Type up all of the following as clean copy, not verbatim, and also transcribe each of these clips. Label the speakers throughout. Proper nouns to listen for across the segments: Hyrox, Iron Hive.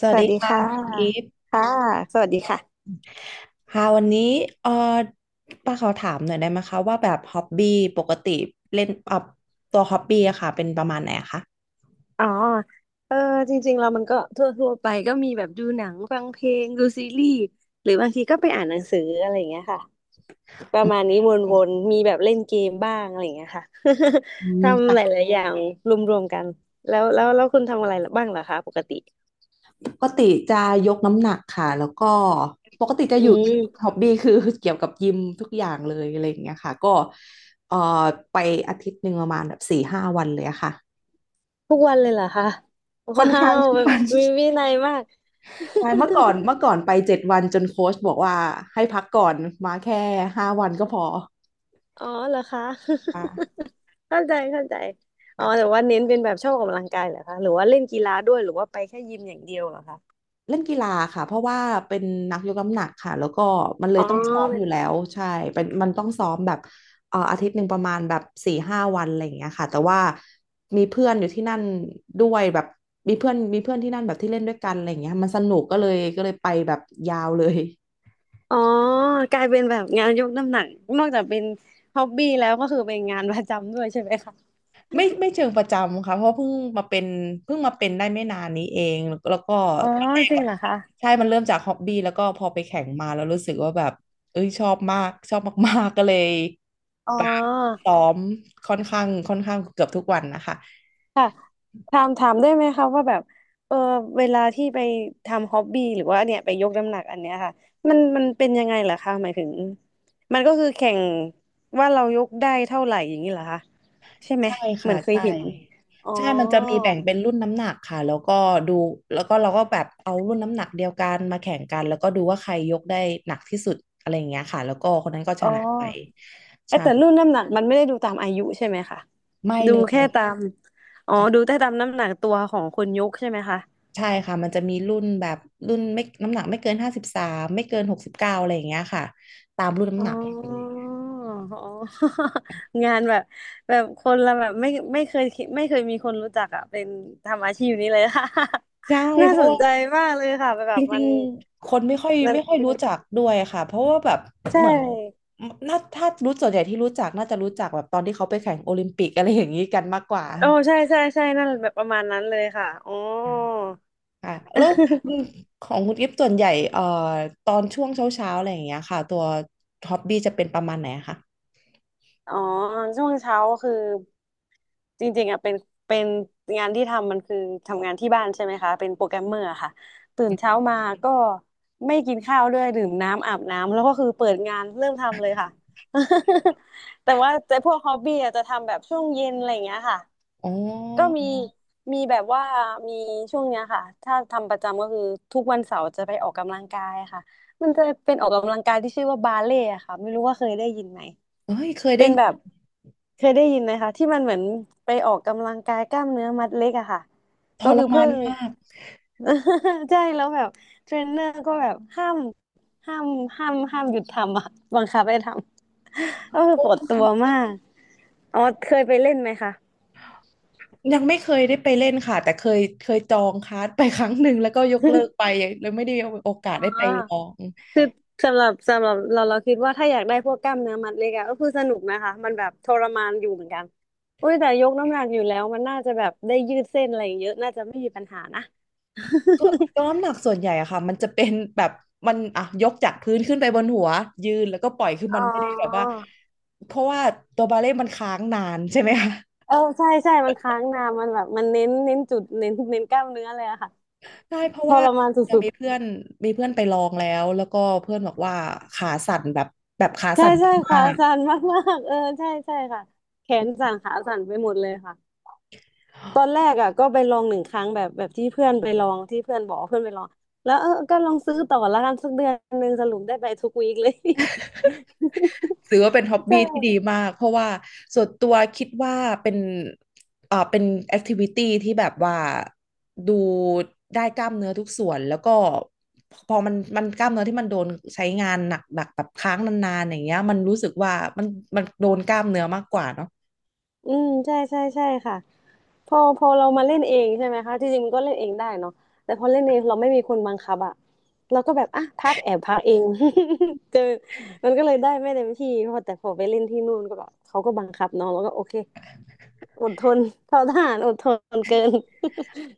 Speaker 1: ส
Speaker 2: ส
Speaker 1: วัส
Speaker 2: วั
Speaker 1: ดี
Speaker 2: สดี
Speaker 1: ค่ะ
Speaker 2: ค่ะ
Speaker 1: คุณกิฟต์
Speaker 2: ค่ะสวัสดีค่ะ
Speaker 1: ค่ะวันนี้เออป้าขอถามหน่อยได้ไหมคะว่าแบบฮอบบี้ปกติเล่นตัวฮอบบี้อะค่ะเป็นประมาณไหนอะคะ
Speaker 2: อ๋อเออจริงๆเรามันก็ทั่วไปก็มีแบบดูหนังฟังเพลงดูซีรีส์หรือบางทีก็ไปอ่านหนังสืออะไรอย่างเงี้ยค่ะประมาณนี้วนๆมีแบบเล่นเกมบ้างอะไรอย่างเงี้ยค่ะ
Speaker 1: อื ม
Speaker 2: ทำหลายๆอย่างรวมๆกันแล้วคุณทำอะไรบ้างเหรอคะปกติ
Speaker 1: ปกติจะยกน้ำหนักค่ะแล้วก็ปกติจะ
Speaker 2: อื
Speaker 1: อยู่ฮ
Speaker 2: ม
Speaker 1: อบบี้คือเกี่ยวกับยิมทุกอย่างเลยอะไรอย่างเงี้ยค่ะก็เอ่อไปอาทิตย์หนึ่งประมาณแบบสี่ห้าวันเลยอะค่ะ
Speaker 2: ทุกวันเลยเหรอคะ
Speaker 1: ค่อน
Speaker 2: ว้า
Speaker 1: ข้าง
Speaker 2: ว
Speaker 1: ทุก
Speaker 2: แบบ
Speaker 1: วัน
Speaker 2: มี วินัยมาก
Speaker 1: ใช่เมื่อก่อน เมื่อก่อนไป7 วันจนโค้ชบอกว่าให้พักก่อนมาแค่ห้าวันก็พอ
Speaker 2: อ๋อเหรอคะ
Speaker 1: ค
Speaker 2: เข้าใจเข้าใจอ๋อ
Speaker 1: ่ะ
Speaker 2: แต่ว่าเน้นเป็นแบบชอบออกกำลังกายเหรอคะหรือว่าเล่นกีฬาด้วยหรือว่าไปแค่ยิมอย่างเดียวเหรอคะ
Speaker 1: เล่นกีฬาค่ะเพราะว่าเป็นนักยกน้ำหนักค่ะแล้วก็มันเล
Speaker 2: อ๋
Speaker 1: ย
Speaker 2: อ
Speaker 1: ต้องซ้อม
Speaker 2: เป็
Speaker 1: อ
Speaker 2: น
Speaker 1: ยู่แล้วใช่เป็นมันต้องซ้อมแบบอาทิตย์หนึ่งประมาณแบบสี่ห้าวันอะไรอย่างเงี้ยค่ะแต่ว่ามีเพื่อนอยู่ที่นั่นด้วยแบบมีเพื่อนที่นั่นแบบที่เล่นด้วยกันอะไรอย่างเงี้ยมันสนุกก็เลยไปแบบยาวเลย
Speaker 2: อ๋อกลายเป็นแบบงานยกน้ำหนักนอกจากเป็นฮ็อบบี้แล้วก็คือเป็นงานประจำด้วยใช่ไหมคะ
Speaker 1: ไม่เชิงประจำค่ะเพราะเพิ่งมาเป็นได้ไม่นานนี้เองแล้วก็
Speaker 2: อ๋อ
Speaker 1: ตอนแรก
Speaker 2: จริง
Speaker 1: อะ
Speaker 2: เหรอคะ
Speaker 1: ใช่มันเริ่มจากฮ็อบบี้แล้วก็พอไปแข่งมาแล้วรู้สึกว่าแบบเอ้ยชอบมากชอบมากๆก็เลย
Speaker 2: อ๋อ
Speaker 1: แบบซ้อมค่อนข้างเกือบทุกวันนะคะ
Speaker 2: ค่ะถามได้ไหมคะว่าแบบเออเวลาที่ไปทำฮ็อบบี้หรือว่าเนี่ยไปยกน้ำหนักอันเนี้ยค่ะมันเป็นยังไงเหรอคะหมายถึงมันก็คือแข่งว่าเรายกได้เท่าไหร่อย่างนี้เหรอคะใช่ไหม
Speaker 1: ใช่
Speaker 2: เหมื
Speaker 1: ค่ะ
Speaker 2: อนเคย
Speaker 1: ใช่
Speaker 2: เห็นอ๋อ
Speaker 1: ใช่มันจะมีแบ่งเป็นรุ่นน้ำหนักค่ะแล้วก็ดูแล้วก็เราก็แบบเอารุ่นน้ำหนักเดียวกันมาแข่งกันแล้วก็ดูว่าใครยกได้หนักที่สุดอะไรอย่างเงี้ยค่ะแล้วก็คนนั้นก็ช
Speaker 2: อ๋อ
Speaker 1: นะไป
Speaker 2: เอย
Speaker 1: ใช่
Speaker 2: แต่รุ่นน้ำหนักมันไม่ได้ดูตามอายุใช่ไหมคะ
Speaker 1: ไม่
Speaker 2: ดู
Speaker 1: เล
Speaker 2: แค่
Speaker 1: ย
Speaker 2: ตามอ๋อดู
Speaker 1: ใ
Speaker 2: แต่ตามน้ำหนักตัวของคนยกใช่ไหมคะ
Speaker 1: ช่ค่ะมันจะมีรุ่นแบบรุ่นไม่น้ำหนักไม่เกิน53ไม่เกิน69อะไรอย่างเงี้ยค่ะตามรุ่นน้ำ
Speaker 2: อ๋
Speaker 1: หนักเลย
Speaker 2: ออ๋อ งานแบบแบบคนละแบบไม่ไม่เคยคิดไม่เคยมีคนรู้จักอ่ะเป็นทำอาชีพนี้เลย ค่ะ
Speaker 1: ใช่
Speaker 2: น่า
Speaker 1: เพ
Speaker 2: ส
Speaker 1: ราะ
Speaker 2: น
Speaker 1: ว่า
Speaker 2: ใจมากเลยค่ะแบ
Speaker 1: จ
Speaker 2: บมั
Speaker 1: ริง
Speaker 2: น
Speaker 1: ๆคนไม่ค่อย
Speaker 2: มัน
Speaker 1: ไม่ค่อยรู้จักด้วยค่ะเพราะว่าแบบ
Speaker 2: ใช่
Speaker 1: เหมือนน่าถ้ารู้ส่วนใหญ่ที่รู้จักน่าจะรู้จักแบบตอนที่เขาไปแข่งโอลิมปิกอะไรอย่างนี้กันมากกว่า
Speaker 2: โอ้ใช่ใช่ใช่นั่นแบบประมาณนั้นเลยค่ะอ๋อ
Speaker 1: อืมค่ะแล้วคุณ ของคุณกิฟส่วนใหญ่ตอนช่วงเช้าเช้าอะไรอย่างเงี้ยค่ะตัวฮ็อบบี้จะเป็นประมาณไหนอะคะ
Speaker 2: อ๋อช่วงเช้าคือจริงๆอ่ะเป็นงานที่ทำมันคือทำงานที่บ้านใช่ไหมคะเป็นโปรแกรมเมอร์ค่ะตื่นเช้ามาก็ไม่กินข้าวด้วยดื่มน้ำอาบน้ำแล้วก็คือเปิดงานเริ่มทำเลยค่ะ แต่ว่าแต่พวกฮอบบี้อะจะทำแบบช่วงเย็นอะไรอย่างเงี้ยค่ะ
Speaker 1: อ๋อ
Speaker 2: ก็มีมีแบบว่ามีช่วงเนี้ยค่ะถ้าทำประจำก็คือทุกวันเสาร์จะไปออกกำลังกายค่ะมันจะเป็นออกกำลังกายที่ชื่อว่าบาเล่ค่ะไม่รู้ว่าเคยได้ยินไหม
Speaker 1: เฮ้ยเคย
Speaker 2: เป็
Speaker 1: ได้
Speaker 2: นแบบเคยได้ยินไหมคะที่มันเหมือนไปออกกำลังกายกล้ามเนื้อมัดเล็กอะค่ะ
Speaker 1: ท
Speaker 2: ก็
Speaker 1: ร
Speaker 2: คือ
Speaker 1: มา
Speaker 2: เพิ่
Speaker 1: น
Speaker 2: ง
Speaker 1: มาก
Speaker 2: ใช่แล้วแบบเทรนเนอร์ก็แบบห้ามห้ามหยุดทำอะบังคับให้ทำ ก็คือ
Speaker 1: โอ
Speaker 2: ปวด
Speaker 1: ้
Speaker 2: ตัวมากอ๋อเคยไปเล่นไหมคะ
Speaker 1: ยังไม่เคยได้ไปเล่นค่ะแต่เคยจองคลาส ไปครั้งหนึ่งแล้วก็ยกเลิกไป เลยไม่ได้มีโอกาส
Speaker 2: อ๋อ
Speaker 1: ได้ไปลอง
Speaker 2: คือสำหรับเราคิดว่าถ้าอยากได้พวกกล้ามเนื้อมัดเล็กอะก็คือสนุกนะคะมันแบบทรมานอยู่เหมือนกันอุ้ยแต่ยกน้ำหนักอยู่แล้วมันน่าจะแบบได้ยืดเส้นอะไรอย่างเยอะน่าจะไม่มีปัญหานะ
Speaker 1: ส่วนยกน้ำหนักส่วนใหญ่อะค่ะมันจะเป็นแบบมันอ่ะยกจากพื้นขึ้นไปบนหัวยืนแล้วก็ปล่อยคือ
Speaker 2: อ๋
Speaker 1: มั
Speaker 2: อ
Speaker 1: นไม่ได้แบบว่าเพราะว่าตัวบาเล่ต์มันค้างนานใช่ไหมคะ
Speaker 2: เออใช่ใช่มันค้างนานมันแบบมันเน้นจุดเน้นกล้ามเนื้อเลยอะค่ะ
Speaker 1: ใช่เพราะ
Speaker 2: ท
Speaker 1: ว่า
Speaker 2: รมาน
Speaker 1: ยัง
Speaker 2: สุด
Speaker 1: มีเพื่อนไปลองแล้วก็เพื่อนบอกว่าขาสั่นแบบ
Speaker 2: ๆใช่ใช่ขา
Speaker 1: มาก
Speaker 2: สั่นมากๆเออใช่ใช่ค่ะแขนสั่นขาสั่นไปหมดเลยค่ะ ตอนแรกอ่ะก็ไปลองหนึ่งครั้งแบบแบบที่เพื่อนไปลองที่เพื่อนบอกว่าเพื่อนไปลองแล้วเออก็ลองซื้อต่อละกันสักเดือนหนึ่งสรุปได้ไปทุกวีคเลย
Speaker 1: ถือว่าเป็นฮ็อบ
Speaker 2: ใช่
Speaker 1: บี้ที่ดีมากเพราะว่าส่วนตัวคิดว่าเป็นเป็นแอคทิวิตี้ที่แบบว่าดูได้กล้ามเนื้อทุกส่วนแล้วก็พอมันกล้ามเนื้อที่มันโดนใช้งานหนักๆแบบค้างนานๆอย่างเงี้ยมันรู้สึกว่ามันโดนกล้ามเนื้อมากกว่าเนาะ
Speaker 2: อืมใช่ใช่ใช่ค่ะพอเรามาเล่นเองใช่ไหมคะที่จริงมันก็เล่นเองได้เนาะแต่พอเล่นเองเราไม่มีคนบังคับอะเราก็แบบอ่ะพักแอบพักเอง เจอมันก็เลยได้ไม่เต็มที่พอแต่พอไปเล่นที่นู่นก็แบบเขาก็บังคับเนาะแล้วก็โอเคอดทนเท่าทหารอดทนเกิน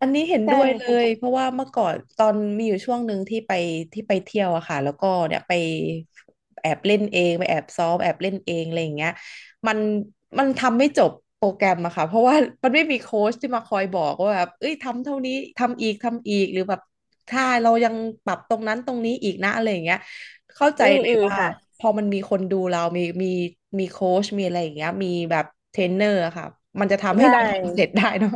Speaker 1: อันนี้เห็น
Speaker 2: ใช
Speaker 1: ด้วยเลย
Speaker 2: ่
Speaker 1: เพราะว่าเมื่อก่อนตอนมีอยู่ช่วงหนึ่งที่ไปเที่ยวอะค่ะแล้วก็เนี่ยไปแอบเล่นเองไปแอบซ้อมแอบเล่นเองอะไรอย่างเงี้ยมันมันทำไม่จบโปรแกรมอะค่ะเพราะว่ามันไม่มีโค้ชที่มาคอยบอกว่าแบบเอ้ยทำเท่านี้ทำอีกทำอีกหรือแบบถ้าเรายังปรับตรงนั้นตรงนี้อีกนะอะไรอย่างเงี้ยเข้าใจ
Speaker 2: อืม
Speaker 1: เลย
Speaker 2: อืม
Speaker 1: ว่า
Speaker 2: ค่ะ
Speaker 1: พอมันมีคนดูเรามีโค้ชมีอะไรอย่างเงี้ยมีแบบเทรนเนอร์อะค่ะมันจะทำให้
Speaker 2: ใช่
Speaker 1: เราทำเสร็จได้เนาะ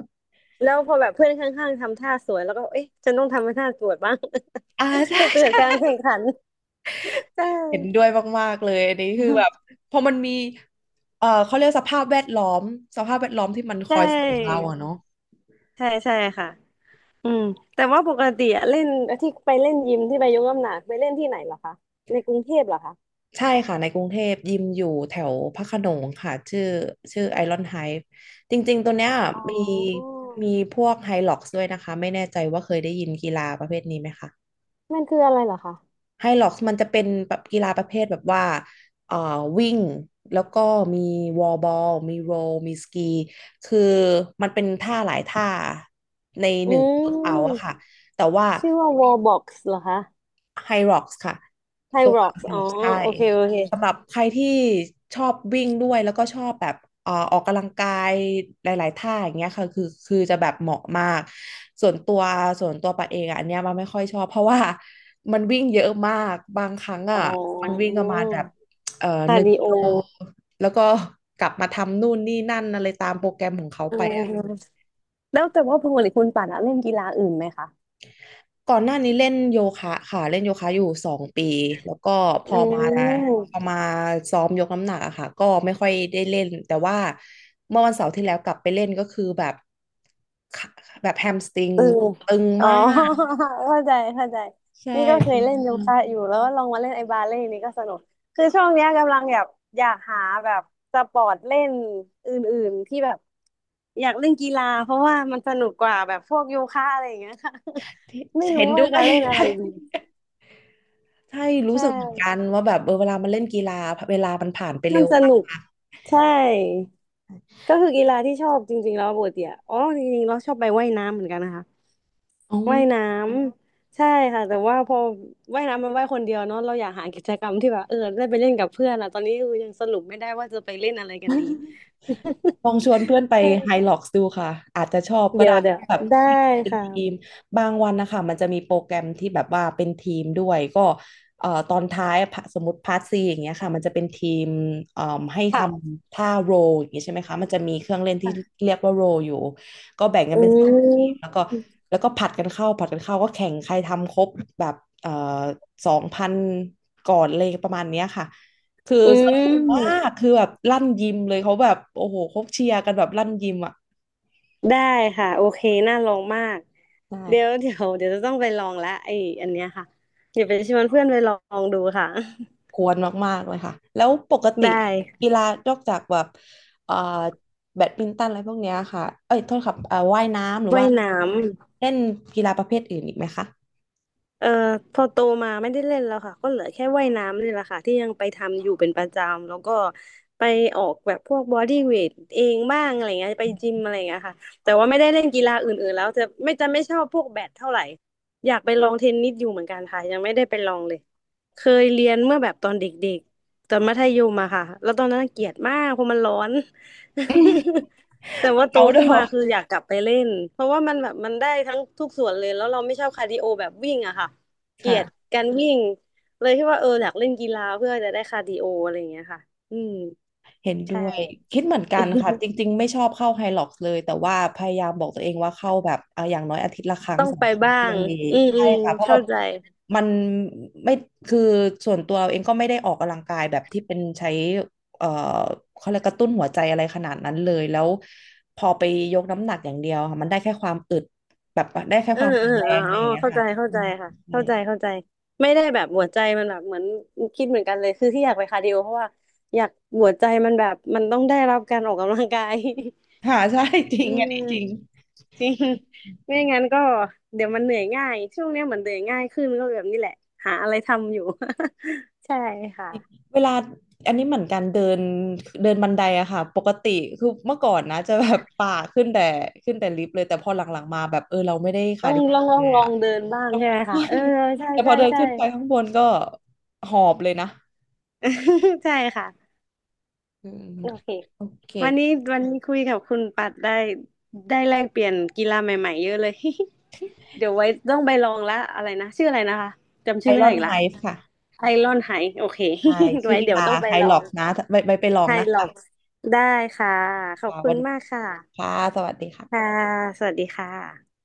Speaker 2: แล้วพอแบบเพื่อนข้างๆทำท่าสวยแล้วก็เอ๊ะฉันต้องทำให้ท่าสวยบ้าง
Speaker 1: อ่าใ
Speaker 2: เกิด
Speaker 1: ช่
Speaker 2: การแข่งขันใช
Speaker 1: เห็นด้
Speaker 2: ่
Speaker 1: วยมากๆเลยอันนี้คือแบบพอมันมีเขาเรียกสภาพแวดล้อมสภาพแวดล้อมที่มันค
Speaker 2: ใช
Speaker 1: อยส่งเรา
Speaker 2: ่
Speaker 1: อะเนาะ
Speaker 2: ใช่ใช่ค่ะอืมแต่ว่าปกติอะเล่นที่ไปเล่นยิมที่ไปยกน้ำหนักไปเล่นที่ไหนเหรอคะในกรุงเทพเหรอคะ
Speaker 1: ใช่ค่ะในกรุงเทพยิมอยู่แถวพระโขนงค่ะชื่อไอรอนไฮฟ์จริงๆตัวเนี้ย
Speaker 2: อ๋อ
Speaker 1: มีมีพวกไฮล็อกซ์ด้วยนะคะไม่แน่ใจว่าเคยได้ยินกีฬาประเภทนี้ไหมคะ
Speaker 2: มันคืออะไรเหรอคะ
Speaker 1: ไฮล็อกซ์มันจะเป็นแบบกีฬาประเภทแบบว่าเอ่อวิ่ง แล้วก็มีวอลบอลมีโรลมีสกี คือมันเป็นท่าหลายท่าในห
Speaker 2: อื
Speaker 1: นึ่งเวิร์กเอาท์อะ
Speaker 2: ม
Speaker 1: ค่ะ แต่ว่า
Speaker 2: ชื่อว่า wall box เหรอคะ
Speaker 1: Hyrox ค่ะ
Speaker 2: Thai
Speaker 1: ตัว
Speaker 2: rocks อ๋อ
Speaker 1: Hyrox ใช่
Speaker 2: โอเคโอเค
Speaker 1: สำหรับใครที่ชอบวิ่งด้วยแล้วก็ชอบแบบออกกำลังกายหลายๆท่าอย่างเงี้ยค่ะคือจะแบบเหมาะมากส่วนตัวส่วนตัวปัดเองอะอันเนี้ยมันไม่ค่อยชอบเพราะว่ามันวิ่งเยอะมากบางครั้ง
Speaker 2: อ๋
Speaker 1: อ่ะ
Speaker 2: อ
Speaker 1: มันวิ่งประมาณแบบห
Speaker 2: คา
Speaker 1: นึ่
Speaker 2: ร์
Speaker 1: ง
Speaker 2: ดิ
Speaker 1: กิ
Speaker 2: โอ
Speaker 1: โลแล้วก็กลับมาทำนู่นนี่นั่นอะไรตามโปรแกรมของเขาไปอะ
Speaker 2: แล้วแต่ว่าปกติคุณป่านอะเล่นกีฬาอื่นไหมคะ
Speaker 1: ก่อนหน้านี้เล่นโยคะค่ะเล่นโยคะอยู่2 ปีแล้วก็พ
Speaker 2: อื
Speaker 1: อมาพอ
Speaker 2: ม
Speaker 1: มาซ้อมยกน้ำหนักอะค่ะก็ไม่ค่อยได้เล่นแต่ว่าเมื่อวันเสาร์ที่แล้วกลับไปเล่นก็คือแบบขาแบบแฮมสตริง
Speaker 2: เออ
Speaker 1: ตึง
Speaker 2: อ๋อ
Speaker 1: มาก
Speaker 2: เข้าใจเข้าใจ
Speaker 1: ใช่
Speaker 2: นี่ก็เค
Speaker 1: ตึ
Speaker 2: ย
Speaker 1: ง
Speaker 2: เล่นโย
Speaker 1: มา
Speaker 2: คะ
Speaker 1: ก
Speaker 2: อยู่แล้วก็ลองมาเล่นไอ้บาเล่นี่ก็สนุกคือช่วงเนี้ยกำลังแบบอยากหาแบบสปอร์ตเล่นอื่นๆที่แบบอยากเล่นกีฬาเพราะว่ามันสนุกกว่าแบบพวกโยคะอะไรอย่างเงี้ยค่ะ
Speaker 1: ที่
Speaker 2: ไม่
Speaker 1: เห็
Speaker 2: รู้
Speaker 1: นด้
Speaker 2: ว่า
Speaker 1: ว
Speaker 2: จะ
Speaker 1: ย
Speaker 2: เล่นอะไรดี
Speaker 1: ใช่
Speaker 2: ใช
Speaker 1: รู้สึกเหมือนกัน
Speaker 2: ่
Speaker 1: ว่าแบบเออเวลามันเล่นกีฬาเวลามันผ่านไปเร็
Speaker 2: มัน
Speaker 1: ว
Speaker 2: ส
Speaker 1: มาก
Speaker 2: นุกใช่ ก็คือกีฬาที่ชอบจริงๆแล้วปกติอะอ๋อจริงๆเราชอบไปว่ายน้ำเหมือนกันนะคะ
Speaker 1: อ๋อ
Speaker 2: ว่ายน้ำใช่ค่ะแต่ว่าพอว่ายน้ำมันว่ายคนเดียวเนาะเราอยากหากิจกรรมที่แบบได้ไปเล่นกับเพื่อนอะตอนนี้คือยังสรุปไม่ได้ว่าจะไปเล่นอะไรกันดี
Speaker 1: ลองชวนเพื่อนไป ไฮ
Speaker 2: ใช่
Speaker 1: ล็อกซ์ดูค่ะอาจจะชอบก็
Speaker 2: เดี๋ย
Speaker 1: ได้
Speaker 2: วเดี๋ย
Speaker 1: เพ
Speaker 2: ว
Speaker 1: ราะแบบ
Speaker 2: ได้
Speaker 1: เป็นทีม
Speaker 2: ค่ะ
Speaker 1: บางวันนะคะมันจะมีโปรแกรมที่แบบว่าเป็นทีมด้วยก็ตอนท้ายสมมติพาร์ทซีอย่างเงี้ยค่ะมันจะเป็นทีมเอ่อให้ท
Speaker 2: ค่ะ
Speaker 1: ำท่าโรลอย่างเงี้ยใช่ไหมคะมันจะมีเครื่องเล่นที่เรียกว่าโรลอยู่ก็แบ่งกัน
Speaker 2: อื
Speaker 1: เป็นสองทีมแล้ว
Speaker 2: ม
Speaker 1: ก็แล้วก็ผัดกันเข้าก็แข่งใครทำครบแบบเอ่อ2000ก่อนเลยประมาณเนี้ยค่ะ คือ
Speaker 2: อื
Speaker 1: สนุกมา
Speaker 2: ม
Speaker 1: กคือแบบลั่นยิมเลยเขาแบบโอ้โหเขาเชียร์กันแบบลั่นยิมอ่ะ
Speaker 2: ได้ค่ะโอเคน่าลองมาก
Speaker 1: ใ
Speaker 2: เดี๋ยว
Speaker 1: ช่
Speaker 2: เดี๋ยวเดี๋ยวจะต้องไปลองละไออันเนี้ยค่ะเดี๋ยวไปชวนเพื่อนไปลองดูค่ะ
Speaker 1: ควรมากๆเลยค่ะแล้วปก ติ
Speaker 2: ได้
Speaker 1: กีฬานอกจากแบบเอ่อแบดมินตันอะไรพวกเนี้ยค่ะเอ้ยโทษครับว่ายน้ำหรือ
Speaker 2: ว่า
Speaker 1: ว่า
Speaker 2: ยน้ำ
Speaker 1: เล่นกีฬาประเภทอื่นอีกไหมคะ
Speaker 2: เอ่อพอโตมาไม่ได้เล่นแล้วค่ะก็เหลือแค่ว่ายน้ำนี่แหละค่ะที่ยังไปทำอยู่เป็นประจำแล้วก็ไปออกแบบพวกบอดี้เวทเองบ้างอะไรเงี้ยไปจิมอะไรเงี้ยค่ะแต่ว่าไม่ได้เล่นกีฬาอื่นๆแล้วจะไม่จะไม่ชอบพวกแบดเท่าไหร่อยากไปลองเทนนิสอยู่เหมือนกันค่ะยังไม่ได้ไปลองเลยเคยเรียนเมื่อแบบตอนเด็กๆตอนมัธยมอะค่ะแล้วตอนนั้นเกลียดมากเพราะมันร้อน แต่ว่าโต
Speaker 1: เอาท์ดอ
Speaker 2: ขึ้นมา
Speaker 1: ร์
Speaker 2: คืออยากกลับไปเล่นเพราะว่ามันแบบมันได้ทั้งทุกส่วนเลยแล้วเราไม่ชอบคาร์ดิโอแบบวิ่งอะค่ะ เกลียด
Speaker 1: ค่ะ
Speaker 2: การวิ่งเลยที่ว่าอยากเล่นกีฬาเพื่อจะได้คาร์ดิโออะไรอย่างเงี้ยค่ะอืม
Speaker 1: เห็นด้
Speaker 2: ใช่
Speaker 1: วยคิดเหมือนกั นค่ะจริงๆไม่ชอบเข้าไฮล็อกเลยแต่ว่าพยายามบอกตัวเองว่าเข้าแบบอ่ะอย่างน้อยอาทิตย์ละครั้ง
Speaker 2: ต้อง
Speaker 1: สอง
Speaker 2: ไป
Speaker 1: ครั้ง
Speaker 2: บ้า
Speaker 1: ก็ยั
Speaker 2: ง
Speaker 1: งดี
Speaker 2: อืมอื
Speaker 1: ใช่
Speaker 2: ม
Speaker 1: ค่ะเพราะแบ
Speaker 2: เข้า
Speaker 1: บ
Speaker 2: ใจ
Speaker 1: มันไม่คือส่วนตัวเองก็ไม่ได้ออกกำลังกายแบบที่เป็นใช้เอ่อเขาเรียกกระตุ้นหัวใจอะไรขนาดนั้นเลยแล้วพอไปยกน้ำหนักอย่างเดียวค่ะมันได้แค่ความอึดแบบได้แค่
Speaker 2: เอ
Speaker 1: ค
Speaker 2: อ
Speaker 1: วาม
Speaker 2: เอ
Speaker 1: แข็
Speaker 2: อ
Speaker 1: งแรงอะ
Speaker 2: อ๋
Speaker 1: ไร
Speaker 2: อ
Speaker 1: อย่างเงี้ย
Speaker 2: เข้า
Speaker 1: ค่ะ
Speaker 2: ใจเข้า
Speaker 1: อื
Speaker 2: ใจ
Speaker 1: ม
Speaker 2: ค่ะ
Speaker 1: ใช่
Speaker 2: เข้าใจเข้าใจไม่ได้แบบหัวใจมันแบบเหมือนคิดเหมือนกันเลยคือที่อยากไปคาร์ดิโอเพราะว่าอยากหัวใจมันแบบมันต้องได้รับการออกกำลังกาย
Speaker 1: ค่ะใช่ จริ
Speaker 2: อื
Speaker 1: งอัน
Speaker 2: ม
Speaker 1: นี้จริง
Speaker 2: จริง ไม่งั้นก็เดี๋ยวมันเหนื่อยง่ายช่วงเนี้ยเหมือนเหนื่อยง่ายขึ้นก็แบบนี้แหละหาอะไรทำอยู่ ใช่ค่ะ
Speaker 1: เวลาอันนี้เหมือนกันเดินเดินบันไดอะค่ะปกติคือเมื่อก่อนนะจะแบบป่าขึ้นแต่ขึ้นแต่ลิฟต์เลยแต่พอหลังๆมาแบบเออเราไม่ได้คา
Speaker 2: ต้อ
Speaker 1: ร์
Speaker 2: ง
Speaker 1: ดิ
Speaker 2: ลอง
Speaker 1: โอ
Speaker 2: ลอ
Speaker 1: เล
Speaker 2: ง
Speaker 1: ย
Speaker 2: ลอ
Speaker 1: อะ
Speaker 2: งเดินบ้าง
Speaker 1: ต้อง
Speaker 2: ใช่ไหม
Speaker 1: ใช่
Speaker 2: คะ
Speaker 1: วย
Speaker 2: ใช่
Speaker 1: แต่พ
Speaker 2: ใช่
Speaker 1: อเดิน
Speaker 2: ใช่
Speaker 1: ขึ้นไปข้างบนก็หอบเลยนะ
Speaker 2: ใช่ค่ะ
Speaker 1: อืม
Speaker 2: โอเค
Speaker 1: โอเค
Speaker 2: วันนี้วันนี้คุยกับคุณปัดได้ได้แลกเปลี่ยนกีฬาใหม่ๆเยอะเลย เดี๋ยวไว้ต้องไปลองละอะไรนะชื่ออะไรนะคะจำ
Speaker 1: ไอ
Speaker 2: ชื่อไม่
Speaker 1: ร
Speaker 2: ได้
Speaker 1: อน
Speaker 2: อีก
Speaker 1: ไฮ
Speaker 2: ละ
Speaker 1: ฟ์ค่ะ
Speaker 2: ไอรอนไฮโอเค
Speaker 1: ใช่ ชื่อ
Speaker 2: ไว้
Speaker 1: กี
Speaker 2: เดี๋ยว
Speaker 1: ฬา
Speaker 2: ต้องไป
Speaker 1: ไฮ
Speaker 2: ลอ
Speaker 1: ล็อ
Speaker 2: ง
Speaker 1: กนะไปไปไปลอง
Speaker 2: ไฮ
Speaker 1: นะ
Speaker 2: ล็อ
Speaker 1: คะ
Speaker 2: กได้ค่ะขอบ
Speaker 1: ค่ะ
Speaker 2: คุ
Speaker 1: วั
Speaker 2: ณ
Speaker 1: นนี้
Speaker 2: มากค่ะ
Speaker 1: ค่ะสวัสดี
Speaker 2: ค่ะ
Speaker 1: ค่ะ
Speaker 2: สวัสดีค่ะ